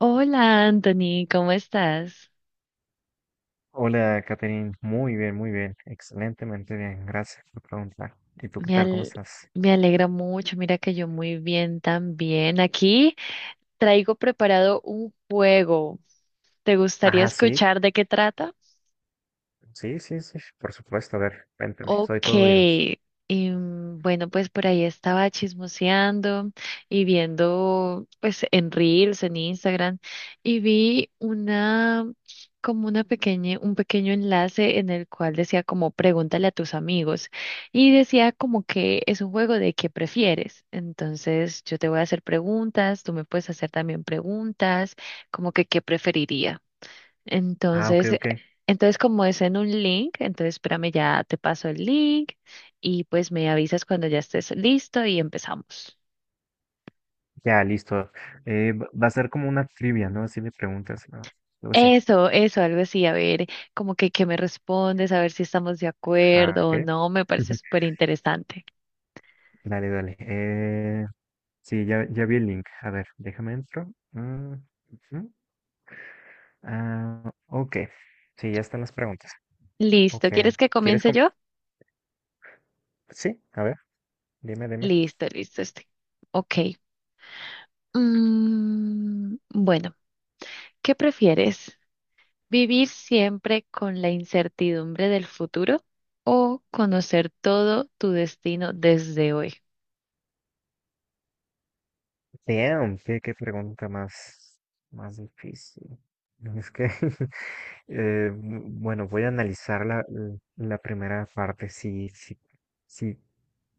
Hola, Anthony, ¿cómo estás? Hola, Catherine. Muy bien, muy bien. Excelentemente bien. Gracias por preguntar. ¿Y tú qué Me, tal? ¿Cómo al- estás? Me alegra mucho, mira que yo muy bien también. Aquí traigo preparado un juego. ¿Te gustaría Ah, sí, escuchar de qué trata? sí, sí, sí. Por supuesto. A ver, cuéntame. Soy Ok, todo oídos. Bueno, pues por ahí estaba chismoseando y viendo pues en Reels, en Instagram, y vi una como una pequeña, un pequeño enlace en el cual decía como pregúntale a tus amigos y decía como que es un juego de qué prefieres. Entonces yo te voy a hacer preguntas, tú me puedes hacer también preguntas, como que qué preferiría. Ah, ok, Entonces, eh, ok. entonces como es en un link, entonces espérame, ya te paso el link y pues me avisas cuando ya estés listo y empezamos. Ya, listo. Va a ser como una trivia, ¿no? Así de preguntas. ¿No? Luego sí. Eso, algo así, a ver, como que me respondes, a ver si estamos de Ah, acuerdo o ok. no, me parece súper interesante. Dale, dale. Sí, ya vi el link. A ver, déjame entro. Mm, ujú. Ah, ok. Sí, ya están las preguntas. Listo, Ok. ¿quieres que ¿Quieres? comience yo? Sí, a ver, dime, dime. Listo, listo, este. Ok. Mm, bueno, ¿qué prefieres? ¿Vivir siempre con la incertidumbre del futuro o conocer todo tu destino desde hoy? Damn, qué pregunta más, más difícil. Es que, bueno, voy a analizar la primera parte. Si, si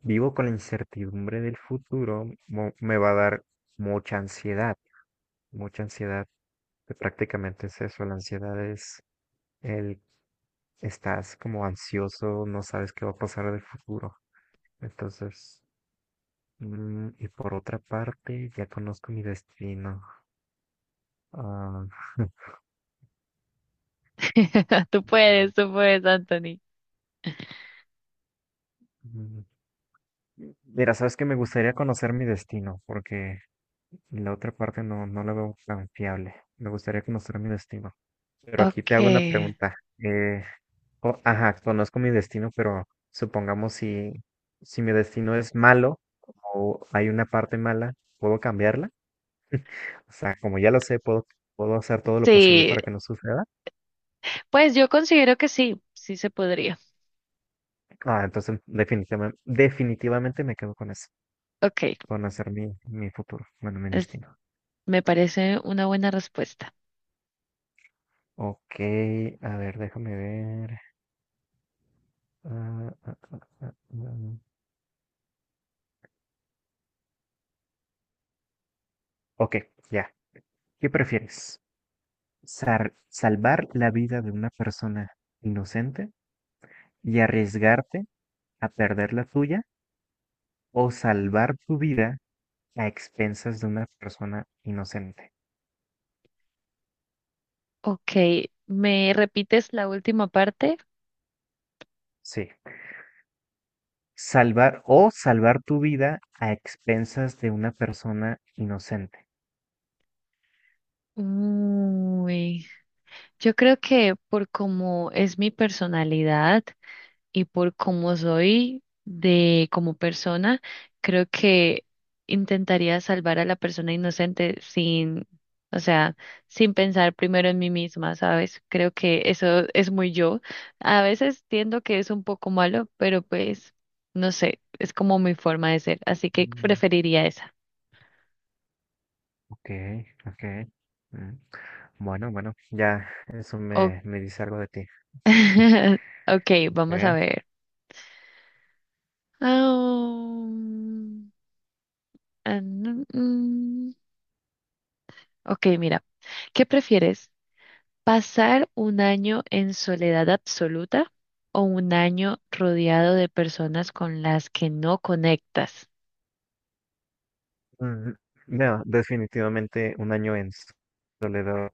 vivo con la incertidumbre del futuro, me va a dar mucha ansiedad, mucha ansiedad. Que prácticamente es eso, la ansiedad es el, estás como ansioso, no sabes qué va a pasar del futuro. Entonces, y por otra parte, ya conozco mi destino. Ah. Tú puedes, Anthony. Mm. Mira, sabes que me gustaría conocer mi destino, porque la otra parte no, no la veo tan fiable. Me gustaría conocer mi destino. Pero aquí te Ok. hago una pregunta. Ajá, conozco mi destino, pero supongamos si mi destino es malo o hay una parte mala, ¿puedo cambiarla? O sea, como ya lo sé, puedo, puedo hacer todo lo posible Sí, para que no suceda. pues yo considero que sí, sí se podría. Ah, entonces definitivamente, definitivamente me quedo con eso, Ok, con hacer mi, mi futuro, bueno, mi es- destino. me parece una buena respuesta. Ok, a ver, déjame ver. Ah, ah, ah, ah, ah. Ok, ya. ¿Qué prefieres? ¿Salvar la vida de una persona inocente y arriesgarte a perder la tuya o salvar tu vida a expensas de una persona inocente? Ok, ¿me repites la última parte? Sí. Salvar o salvar tu vida a expensas de una persona inocente. Uy, yo creo que por cómo es mi personalidad y por cómo soy de como persona, creo que intentaría salvar a la persona inocente sin, o sea, sin pensar primero en mí misma, ¿sabes? Creo que eso es muy yo. A veces tiendo que es un poco malo, pero pues no sé, es como mi forma de ser, así que Mm. preferiría esa. Ok, ok. Mm. Bueno, bueno, ya eso O me, me dice algo de ti. ok, vamos a Ok. ver. Ah, ah, mm, mm. ok, mira. ¿Qué prefieres? ¿Pasar un año en soledad absoluta o un año rodeado de personas con las que no conectas? Mm. No, definitivamente un año en soledad.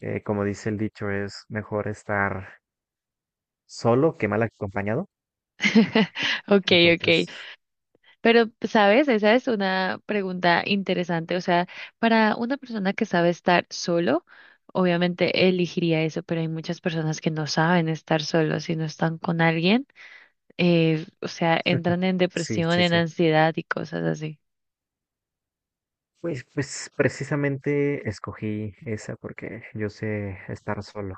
Eh, como dice el dicho, es mejor estar solo que mal acompañado. Ok, ok. Entonces, Pero, ¿sabes? Esa es una pregunta interesante. O sea, para una persona que sabe estar solo, obviamente elegiría eso, pero hay muchas personas que no saben estar solos y no están con alguien. O sea, entran en sí, depresión, sí, en sí. ansiedad y cosas así. Pues, pues precisamente escogí esa porque yo sé estar solo.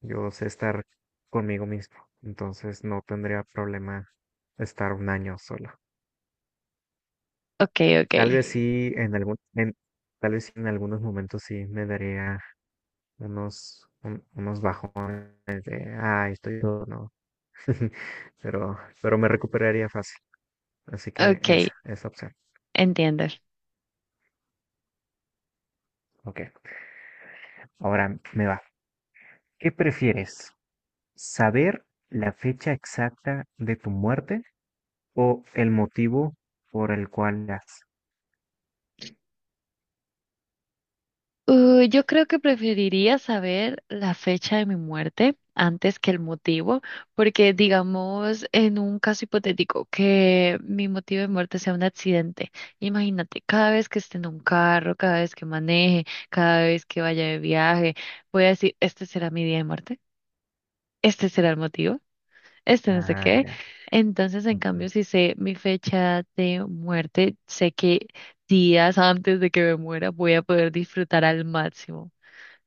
Yo sé estar conmigo mismo. Entonces no tendría problema estar un año solo. Ok, ok. Tal vez sí en tal vez sí en algunos momentos sí me daría unos bajones de, ay, estoy todo, no, pero me recuperaría fácil. Así que Ok, esa opción. entiendo. Ok, ahora me va. ¿Qué prefieres? ¿Saber la fecha exacta de tu muerte o el motivo por el cual las... Yo creo que preferiría saber la fecha de mi muerte antes que el motivo, porque digamos en un caso hipotético que mi motivo de muerte sea un accidente. Imagínate, cada vez que esté en un carro, cada vez que maneje, cada vez que vaya de viaje, voy a decir, este será mi día de muerte, este será el motivo, este no sé Ah, qué. ya. Entonces, en ujú, cambio, si sé mi fecha de muerte, sé que días antes de que me muera voy a poder disfrutar al máximo.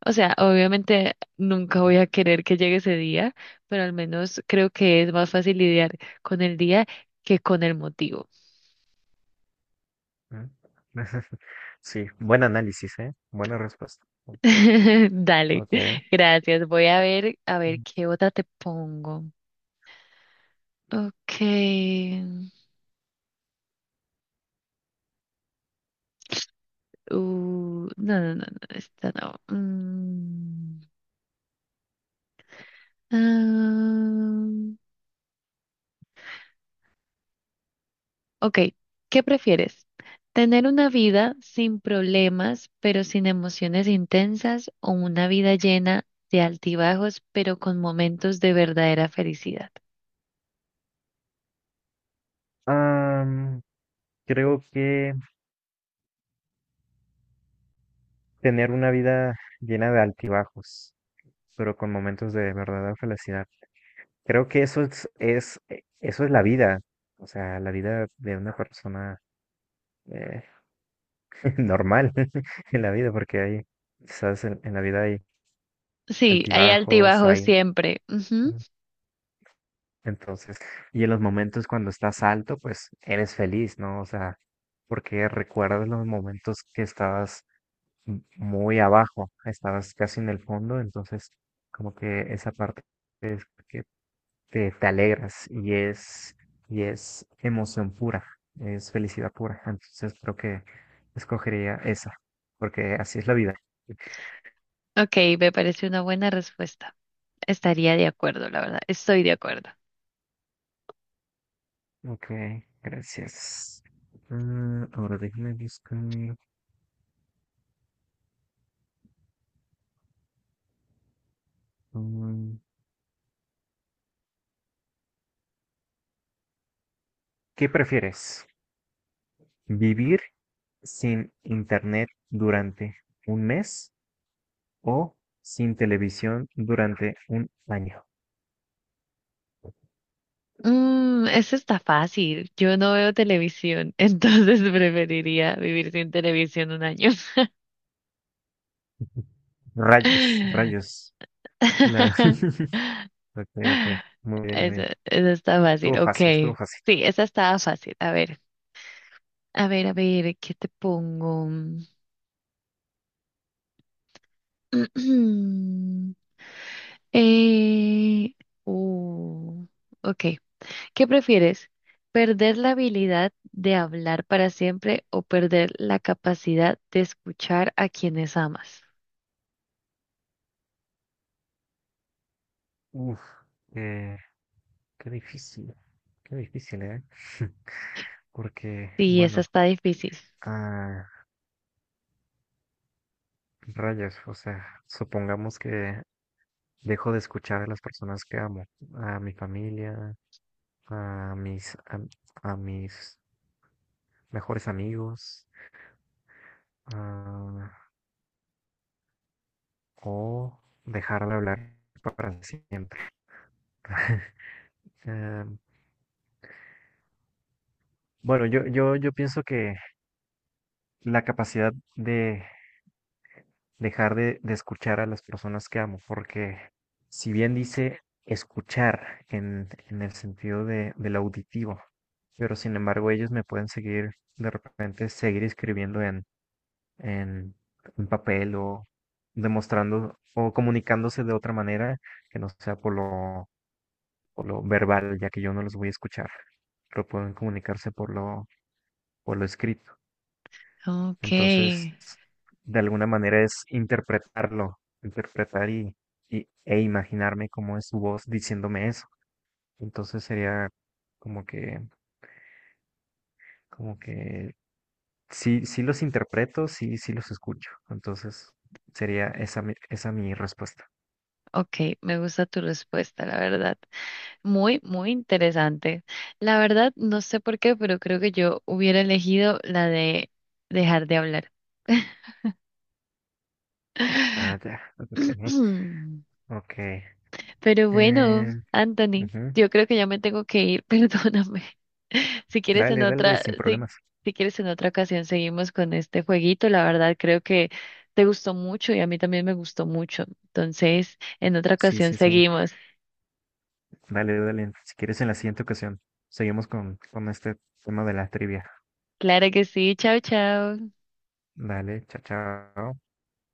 O sea, obviamente nunca ujú, voy a querer que llegue ese día, pero al menos creo que es más fácil lidiar con el día que con el motivo. ujú. Sí, buen análisis, ¿eh? Buena respuesta. Dale, Ok. gracias. Voy a ver qué otra te pongo. Okay. No, no, no, no, esta no. Mm. ah. Ok, ¿qué prefieres? ¿Tener una vida sin problemas pero sin emociones intensas o una vida llena de altibajos pero con momentos de verdadera felicidad? Am, Creo que tener una vida llena de altibajos, pero con momentos de verdadera felicidad. Creo que eso es, eso es la vida, o sea, la vida de una persona eh, normal en la vida, porque hay, quizás en la vida hay Sí, hay altibajos, altibajos hay... siempre. Ujú. Ujú. Entonces, y en los momentos cuando estás alto, pues eres feliz, ¿no? O sea, porque recuerdas los momentos que estabas muy abajo, estabas casi en el fondo, entonces como que esa parte es que te alegras y es emoción pura, es felicidad pura. Entonces creo que escogería esa, porque así es la vida. Ok, me parece una buena respuesta. Estaría de acuerdo, la verdad. Estoy de acuerdo. Ok, gracias. Mm, ahora déjame buscar. mm, ¿Qué prefieres? ¿Vivir sin internet durante un mes? O sin televisión durante un año. Mm, eso está fácil. Yo no veo televisión, entonces preferiría vivir sin televisión un año. Rayos, rayos. La... Ok, ok. Muy bien, muy Esa, bien. esa está Estuvo fácil, ok. fácil, estuvo fácil. Sí, esa estaba fácil. A ver, a ver, a ver, ¿qué te pongo? Eh, uh, ok. ¿Qué prefieres? ¿Perder la habilidad de hablar para siempre o perder la capacidad de escuchar a quienes amas? Uf, eh, qué difícil, qué difícil, ¿eh? Porque, Sí, esa bueno, está difícil. ah, rayos, o sea, supongamos que dejo de escuchar a las personas que amo, a mi familia, a mis, a, a mis mejores amigos, a o dejar de hablar para siempre. Eh, bueno, yo pienso que la capacidad de de escuchar a las personas que amo, porque si bien dice escuchar en el sentido de, del auditivo, pero sin embargo ellos me pueden seguir, de repente, seguir escribiendo en, en papel o demostrando o comunicándose de otra manera que no sea por lo verbal, ya que yo no los voy a escuchar, pero pueden comunicarse por por lo escrito. Ok, Entonces, de alguna manera es interpretarlo, interpretar e imaginarme cómo es su voz diciéndome eso. Entonces sería como que, como que sí, sí los interpreto, sí, sí los escucho. Entonces sería esa mi respuesta. ok, me gusta tu respuesta, la verdad. Muy, muy interesante. La verdad, no sé por qué, pero creo que yo hubiera elegido la de dejar de hablar. Ah, ya, ok, ok. Pero bueno, Eh, Anthony, ujú. yo creo que ya me tengo que ir, perdóname. Si quieres en Dale, dale, otra, sin si, problemas. si quieres en otra ocasión seguimos con este jueguito. La verdad, creo que te gustó mucho y a mí también me gustó mucho. Entonces, en otra Sí, ocasión sí, sí. seguimos. Dale, dale. Si quieres, en la siguiente ocasión seguimos con este tema de la trivia. Claro que sí. Chao, chao. Dale, chao, chao.